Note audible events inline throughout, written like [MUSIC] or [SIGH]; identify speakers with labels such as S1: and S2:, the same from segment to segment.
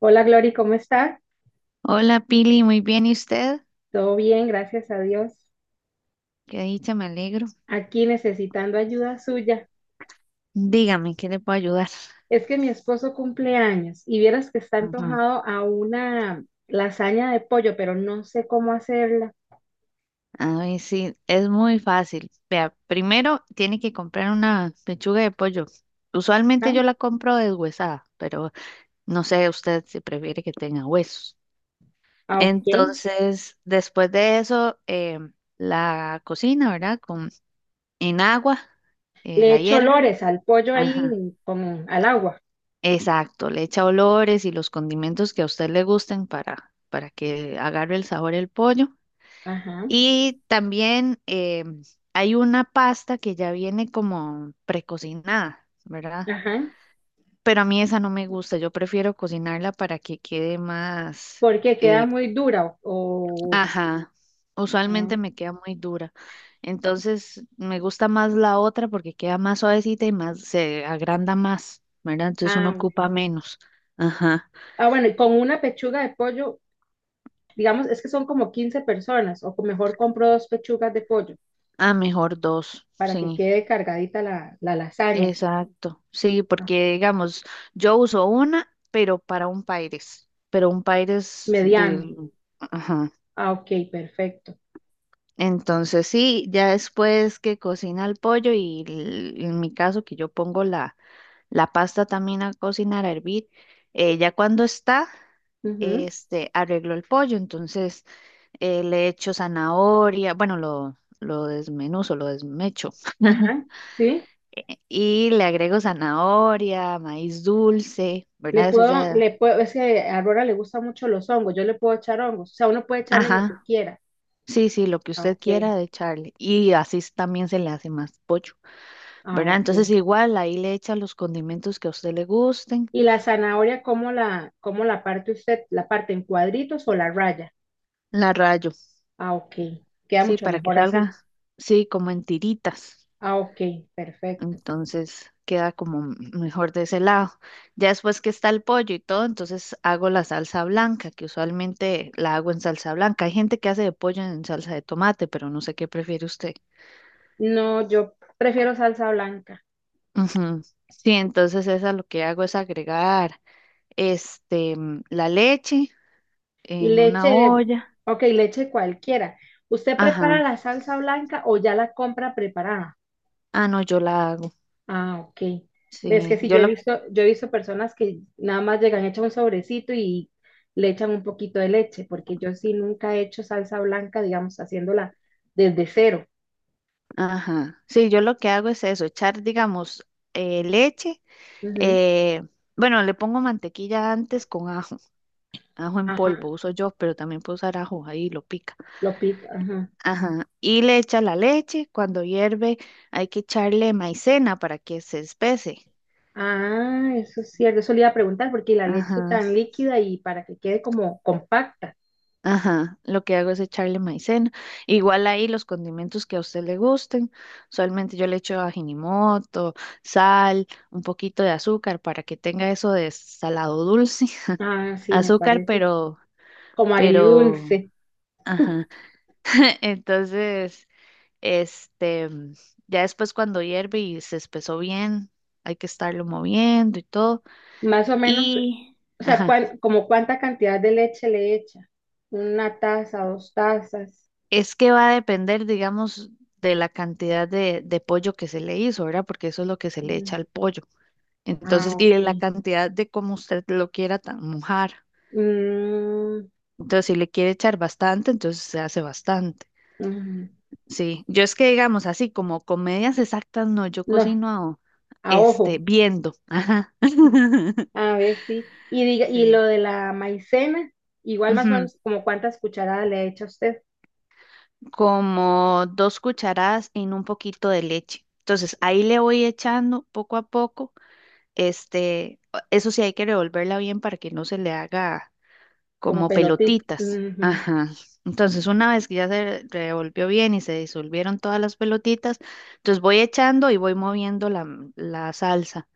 S1: Hola Glory, ¿cómo está?
S2: Hola Pili, muy bien. ¿Y usted?
S1: Todo bien, gracias a Dios.
S2: Qué dicha, me alegro.
S1: Aquí necesitando ayuda suya.
S2: Dígame, ¿qué le puedo ayudar?
S1: Es que mi esposo cumple años y vieras que está
S2: Ujú.
S1: antojado a una lasaña de pollo, pero no sé cómo hacerla.
S2: A ver, sí, es muy fácil. Vea, primero tiene que comprar una pechuga de pollo. Usualmente
S1: Ah,
S2: yo la compro deshuesada, pero no sé usted si prefiere que tenga huesos.
S1: ah, ok.
S2: Entonces, después de eso, la cocina, ¿verdad? En agua,
S1: Le
S2: la
S1: echo
S2: hierve.
S1: olores al pollo
S2: Ajá.
S1: ahí al agua.
S2: Exacto, le echa olores y los condimentos que a usted le gusten para que agarre el sabor el pollo.
S1: Ajá,
S2: Y también hay una pasta que ya viene como precocinada, ¿verdad?
S1: ajá.
S2: Pero a mí esa no me gusta, yo prefiero cocinarla para que quede más,
S1: Porque queda
S2: eh,
S1: muy dura
S2: ajá, usualmente
S1: ah,
S2: me queda muy dura. Entonces me gusta más la otra porque queda más suavecita y más, se agranda más, ¿verdad? Entonces uno
S1: ah, bueno.
S2: ocupa menos. Ajá.
S1: Ah, bueno, y con una pechuga de pollo, digamos, es que son como 15 personas, o mejor compro dos pechugas de pollo.
S2: Ah, mejor dos,
S1: Para que
S2: sí,
S1: quede cargadita la lasaña.
S2: exacto. Sí,
S1: Ah,
S2: porque digamos, yo uso una, pero para un Paires, pero un Paires
S1: mediano.
S2: del... Ajá.
S1: Ah, ok, perfecto.
S2: Entonces sí, ya después que cocina el pollo y en mi caso que yo pongo la pasta también a cocinar, a hervir, ya cuando está,
S1: Ujú.
S2: arreglo el pollo, entonces le echo zanahoria, bueno, lo desmenuzo, lo desmecho.
S1: Ajá,
S2: [LAUGHS]
S1: sí.
S2: Y le agrego zanahoria, maíz dulce,
S1: Le
S2: ¿verdad? Eso
S1: puedo,
S2: ya.
S1: le puedo, es que a Aurora le gustan mucho los hongos, yo le puedo echar hongos, o sea, uno puede echarle lo que
S2: Ajá.
S1: quiera.
S2: Sí, sí, lo que
S1: Ah,
S2: usted quiera
S1: ok,
S2: de echarle. Y así también se le hace más pollo,
S1: ah,
S2: ¿verdad?
S1: ok.
S2: Entonces igual ahí le echa los condimentos que a usted le gusten.
S1: ¿Y la zanahoria, cómo la parte usted? ¿La parte en cuadritos o la raya?
S2: La rayo,
S1: Ah, ok, queda
S2: sí,
S1: mucho
S2: para que
S1: mejor así.
S2: salga, sí, como en tiritas.
S1: Ah, ok, perfecto.
S2: Entonces queda como mejor de ese lado. Ya después que está el pollo y todo, entonces hago la salsa blanca, que usualmente la hago en salsa blanca. Hay gente que hace de pollo en salsa de tomate, pero no sé qué prefiere usted.
S1: No, yo prefiero salsa blanca.
S2: Ujú. Sí, entonces esa lo que hago es agregar la leche en una
S1: Leche,
S2: olla.
S1: ok, leche cualquiera. ¿Usted prepara
S2: Ajá.
S1: la salsa blanca o ya la compra preparada?
S2: Ah, no, yo la hago.
S1: Ah, ok. Ves que
S2: Sí,
S1: sí,
S2: yo
S1: yo he
S2: lo,
S1: visto, yo he visto personas que nada más llegan, echan un sobrecito y le echan un poquito de leche, porque yo sí nunca he hecho salsa blanca, digamos, haciéndola desde cero.
S2: ajá. Sí, yo lo que hago es eso, echar, digamos, leche.
S1: Ujú.
S2: eh, bueno, le pongo mantequilla antes con ajo, [LAUGHS] ajo en
S1: Ajá,
S2: polvo uso yo, pero también puedo usar ajo ahí, lo pica.
S1: lo pico, ajá.
S2: Ajá. Y le echa la leche. Cuando hierve, hay que echarle maicena para que se espese.
S1: Ah, eso es cierto, eso le iba a preguntar, porque la leche
S2: Ajá.
S1: tan líquida y para que quede como compacta.
S2: Ajá, lo que hago es echarle maicena. Igual ahí los condimentos que a usted le gusten. Usualmente yo le echo ajinimoto, sal, un poquito de azúcar para que tenga eso de salado dulce.
S1: Ah,
S2: [LAUGHS]
S1: sí, me
S2: Azúcar,
S1: parece
S2: pero,
S1: como
S2: pero,
S1: agridulce.
S2: ajá. [LAUGHS] Entonces, este, ya después cuando hierve y se espesó bien, hay que estarlo moviendo y todo.
S1: Más o menos,
S2: Y,
S1: o sea,
S2: ajá.
S1: como cuánta cantidad de leche le echa. 1 taza, 2 tazas.
S2: Es que va a depender, digamos, de la cantidad de pollo que se le hizo, ¿verdad? Porque eso es lo que se le echa
S1: Ujú.
S2: al pollo.
S1: Ah,
S2: Entonces, y de la
S1: ok.
S2: cantidad de cómo usted lo quiera mojar.
S1: Mm,
S2: Entonces, si le quiere echar bastante, entonces se hace bastante.
S1: ujú.
S2: Sí, yo es que, digamos, así como comedias exactas, no, yo
S1: No,
S2: cocino,
S1: a ojo.
S2: viendo. Ajá. [LAUGHS]
S1: A ver, sí. Y diga, y lo
S2: Sí.
S1: de la maicena, igual más o
S2: Ujú.
S1: menos como cuántas cucharadas le echa usted,
S2: Como 2 cucharadas en un poquito de leche. Entonces, ahí le voy echando poco a poco. Este, eso sí hay que revolverla bien para que no se le haga
S1: como
S2: como
S1: pelotita.
S2: pelotitas.
S1: Ujú.
S2: Ajá. Entonces, una vez que ya se revolvió bien y se disolvieron todas las pelotitas, entonces voy echando y voy moviendo la salsa.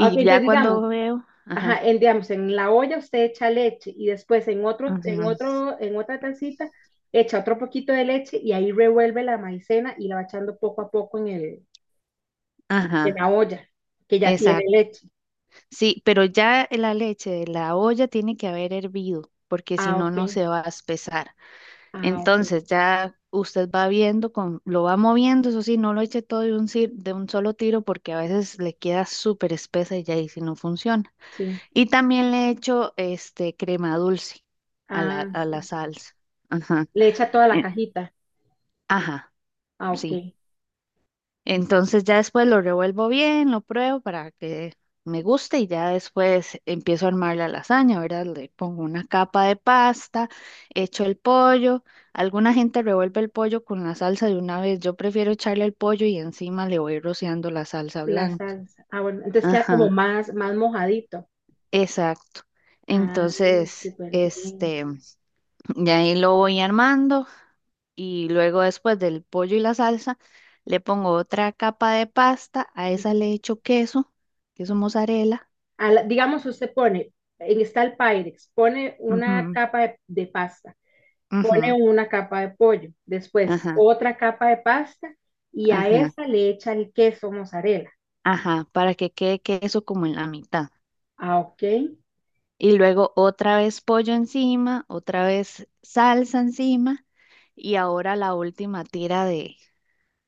S1: Ok,
S2: ya
S1: entonces digamos,
S2: cuando veo,
S1: ajá,
S2: ajá,
S1: en, digamos, en la olla usted echa leche y después en otro,
S2: ujú,
S1: en otra tacita echa otro poquito de leche y ahí revuelve la maicena y la va echando poco a poco en
S2: ajá,
S1: la olla, que ya tiene
S2: exacto.
S1: leche.
S2: Sí, pero ya la leche de la olla tiene que haber hervido, porque si
S1: Ah,
S2: no,
S1: ok.
S2: no se va a espesar.
S1: Ah, ok.
S2: Entonces ya usted va viendo, con, lo va moviendo, eso sí, no lo eche todo de un, de un solo tiro porque a veces le queda súper espesa y ya ahí sí no funciona.
S1: Sí.
S2: Y también le echo este crema dulce a
S1: Ah,
S2: a la
S1: sí.
S2: salsa. Ajá.
S1: Le echa toda la
S2: eh,
S1: cajita.
S2: ajá,
S1: Ah,
S2: sí.
S1: ok.
S2: Entonces ya después lo revuelvo bien, lo pruebo para que me guste y ya después empiezo a armar la lasaña, ¿verdad? Le pongo una capa de pasta, echo el pollo. Alguna gente revuelve el pollo con la salsa de una vez. Yo prefiero echarle el pollo y encima le voy rociando la salsa
S1: La
S2: blanca.
S1: salsa. Ah, bueno. Entonces queda como
S2: Ajá,
S1: más, más mojadito.
S2: exacto.
S1: Ah,
S2: Entonces,
S1: súper bien.
S2: ya ahí lo voy armando. Y luego después del pollo y la salsa, le pongo otra capa de pasta, a esa
S1: Ujú.
S2: le echo queso, queso mozzarella,
S1: Digamos, usted pone, en está el Pyrex, pone una
S2: ujú,
S1: capa de pasta. Pone
S2: ujú,
S1: una capa de pollo, después
S2: ajá,
S1: otra capa de pasta y a
S2: ajá,
S1: esa le echa el queso mozzarella,
S2: ajá, para que quede queso como en la mitad.
S1: ah, ok,
S2: Y luego otra vez pollo encima, otra vez salsa encima y ahora la última tira de,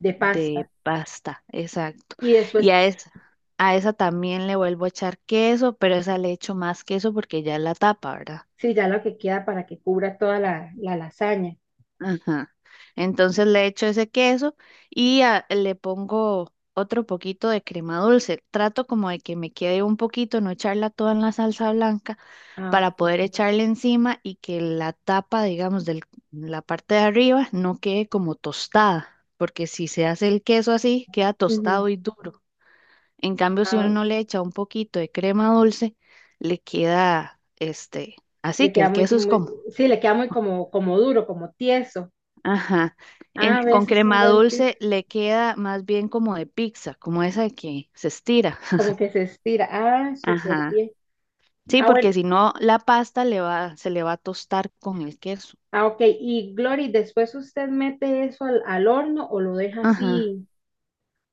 S1: de pasta.
S2: pasta, exacto.
S1: Y
S2: Y
S1: después,
S2: a esa, también le vuelvo a echar queso, pero esa le echo más queso porque ya es la tapa, ¿verdad?
S1: sí, ya lo que queda para que cubra toda la lasaña.
S2: Ajá. Entonces le echo ese queso y le pongo otro poquito de crema dulce. Trato como de que me quede un poquito, no echarla toda en la salsa blanca
S1: Ah,
S2: para
S1: ok.
S2: poder echarle encima y que la tapa, digamos, de la parte de arriba no quede como tostada, porque si se hace el queso así, queda tostado
S1: Ujú.
S2: y duro. En cambio, si
S1: Ah,
S2: uno le echa un poquito de crema dulce, le queda así
S1: le
S2: que
S1: queda
S2: el
S1: muy,
S2: queso es
S1: muy,
S2: como.
S1: sí, le queda muy como duro, como tieso.
S2: Ajá.
S1: Ah, a
S2: Con
S1: veces es un
S2: crema
S1: buen tip,
S2: dulce le queda más bien como de pizza, como esa de que se estira. [LAUGHS]
S1: como que se estira. Ah, súper
S2: Ajá.
S1: bien.
S2: Sí,
S1: Ah, bueno.
S2: porque si no, la pasta le va, se le va a tostar con el queso.
S1: Ah, ok. Y Glory, después usted mete eso al horno o lo deja
S2: Ajá.
S1: así.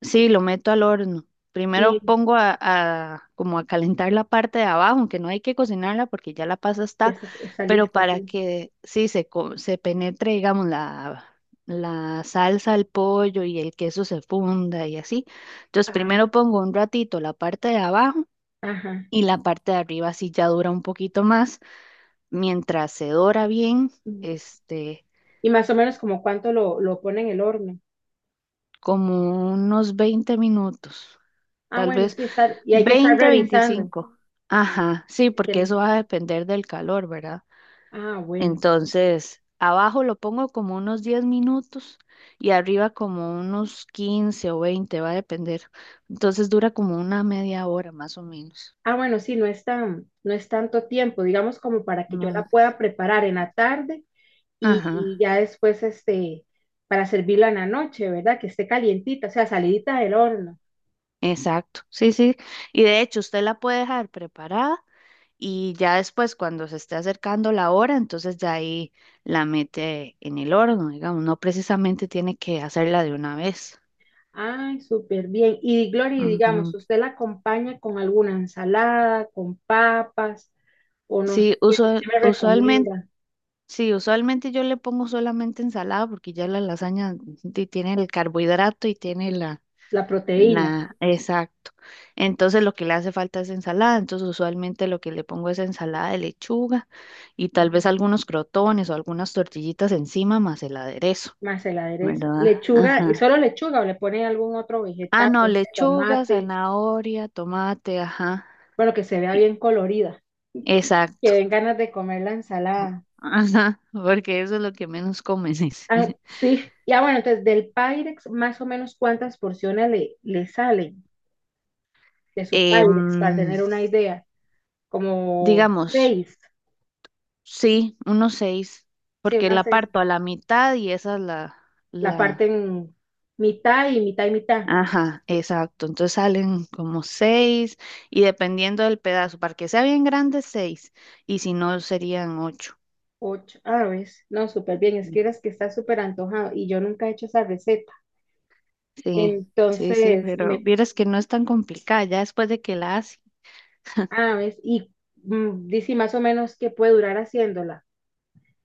S2: Sí, lo meto al horno. Primero pongo a, como a calentar la parte de abajo, aunque no hay que cocinarla porque ya la pasa
S1: Ya
S2: está,
S1: está
S2: pero
S1: lista,
S2: para
S1: sí.
S2: que sí se, se penetre, digamos, la salsa al pollo y el queso se funda y así. Entonces,
S1: Ah,
S2: primero pongo un ratito la parte de abajo
S1: ajá.
S2: y la parte de arriba sí ya dura un poquito más, mientras se dora bien,
S1: Mm.
S2: este,
S1: Y más o menos como cuánto lo pone en el horno.
S2: como unos 20 minutos.
S1: Ah,
S2: Tal
S1: bueno,
S2: vez
S1: sí, está, y hay que estar
S2: 20,
S1: revisando.
S2: 25. Ajá, sí, porque
S1: que-
S2: eso va a depender del calor, ¿verdad?
S1: ah, bueno.
S2: Entonces, abajo lo pongo como unos 10 minutos y arriba como unos 15 o 20, va a depender. Entonces dura como una media hora más o menos.
S1: Ah, bueno, sí, no es tan, no es tanto tiempo, digamos como para que yo la
S2: No.
S1: pueda preparar en la tarde y,
S2: Ajá,
S1: y ya después, para servirla en la noche, ¿verdad? Que esté calientita, o sea, salidita del horno.
S2: exacto. Sí, sí. Y de hecho, usted la puede dejar preparada y ya después, cuando se esté acercando la hora, entonces ya ahí la mete en el horno, digamos, no precisamente tiene que hacerla de una vez.
S1: Ay, súper bien. Y Glory, digamos,
S2: Ujú.
S1: ¿usted la acompaña con alguna ensalada, con papas, o no sé
S2: Sí,
S1: qué, qué me
S2: usualmente,
S1: recomienda?
S2: sí, usualmente yo le pongo solamente ensalada porque ya la lasaña tiene el carbohidrato y tiene
S1: La proteína,
S2: la, exacto. Entonces lo que le hace falta es ensalada, entonces usualmente lo que le pongo es ensalada de lechuga y tal vez
S1: ujú,
S2: algunos crotones o algunas tortillitas encima más el aderezo,
S1: más el aderezo.
S2: ¿verdad?
S1: Lechuga, ¿y
S2: Ajá.
S1: solo lechuga o le pone algún otro
S2: Ah,
S1: vegetal,
S2: no,
S1: un
S2: lechuga,
S1: tomate,
S2: zanahoria, tomate, ajá.
S1: bueno, que se vea bien colorida, que
S2: Exacto.
S1: den ganas de comer la ensalada?
S2: Ajá, porque eso es lo que menos comes.
S1: Ah,
S2: [LAUGHS]
S1: sí, ya bueno, entonces del Pyrex, más o menos cuántas porciones le salen de su
S2: Eh,
S1: Pyrex para
S2: mm,
S1: tener una idea, como
S2: digamos,
S1: seis.
S2: sí, unos seis,
S1: Sí,
S2: porque
S1: unas
S2: la
S1: seis,
S2: parto a la mitad y esa es
S1: la parte
S2: la,
S1: en mitad y mitad y mitad.
S2: ajá, exacto. Entonces salen como seis y dependiendo del pedazo, para que sea bien grande, seis, y si no, serían ocho.
S1: Ocho, ah, ves, no, súper bien, es que eres que está súper antojado y yo nunca he hecho esa receta.
S2: Sí, sí, sí,
S1: Entonces,
S2: pero vieras que no es tan complicada ya después de que la hace.
S1: ah, ves, y dice más o menos que puede durar haciéndola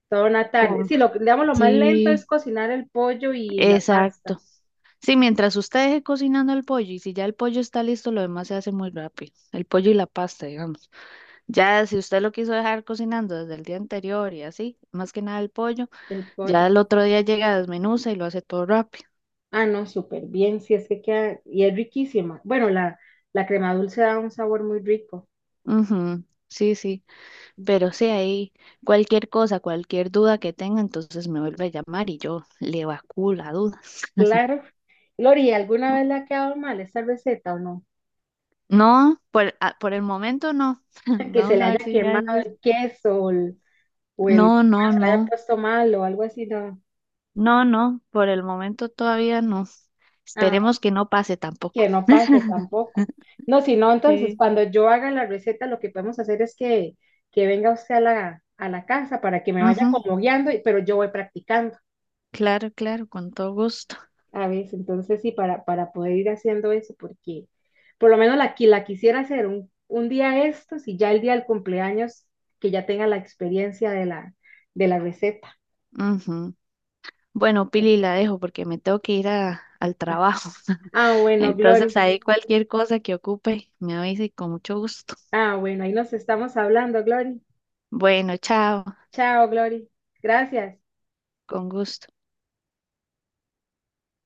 S1: toda una tarde.
S2: Con...
S1: Sí, lo, digamos, lo más lento es
S2: Sí,
S1: cocinar el pollo y la pasta
S2: exacto. Sí, mientras usted deje cocinando el pollo y si ya el pollo está listo, lo demás se hace muy rápido. El pollo y la pasta, digamos. Ya si usted lo quiso dejar cocinando desde el día anterior y así, más que nada el pollo,
S1: del
S2: ya
S1: pollo.
S2: el otro día llega, desmenuza y lo hace todo rápido.
S1: Ah, no, súper bien, sí, es que queda, y es riquísima. Bueno, la crema dulce da un sabor muy rico,
S2: Ujú, sí, sí, pero sí, ahí cualquier cosa, cualquier duda que tenga, entonces me vuelve a llamar y yo le evacúo la duda.
S1: claro. Lori, ¿alguna vez le ha quedado mal esa receta o no?
S2: No, por, por el momento no. [LAUGHS]
S1: Que se
S2: Vamos
S1: le
S2: a ver
S1: haya
S2: si ya
S1: quemado
S2: después.
S1: el queso o el,
S2: No,
S1: pollo
S2: no,
S1: se le haya
S2: no.
S1: puesto mal o algo así, no.
S2: No, no, por el momento todavía no.
S1: Ah,
S2: Esperemos que no pase tampoco.
S1: que no pase tampoco. No, si no, entonces
S2: Sí.
S1: cuando yo haga la receta, lo que podemos hacer es que venga usted a la casa para que me vaya
S2: Ujú,
S1: como guiando, pero yo voy practicando
S2: claro, claro, con todo gusto.
S1: a veces. Entonces, sí, para poder ir haciendo eso, porque por lo menos la, la quisiera hacer un día estos y ya el día del cumpleaños, que ya tenga la experiencia de la receta.
S2: Ujú. Bueno, Pili, la dejo porque me tengo que ir al trabajo. [LAUGHS]
S1: Ah, bueno,
S2: Entonces,
S1: Gloria.
S2: ahí cualquier cosa que ocupe, me avise con mucho gusto.
S1: Ah, bueno, ahí nos estamos hablando, Glory.
S2: Bueno, chao,
S1: Chao, Glory. Gracias.
S2: con gusto.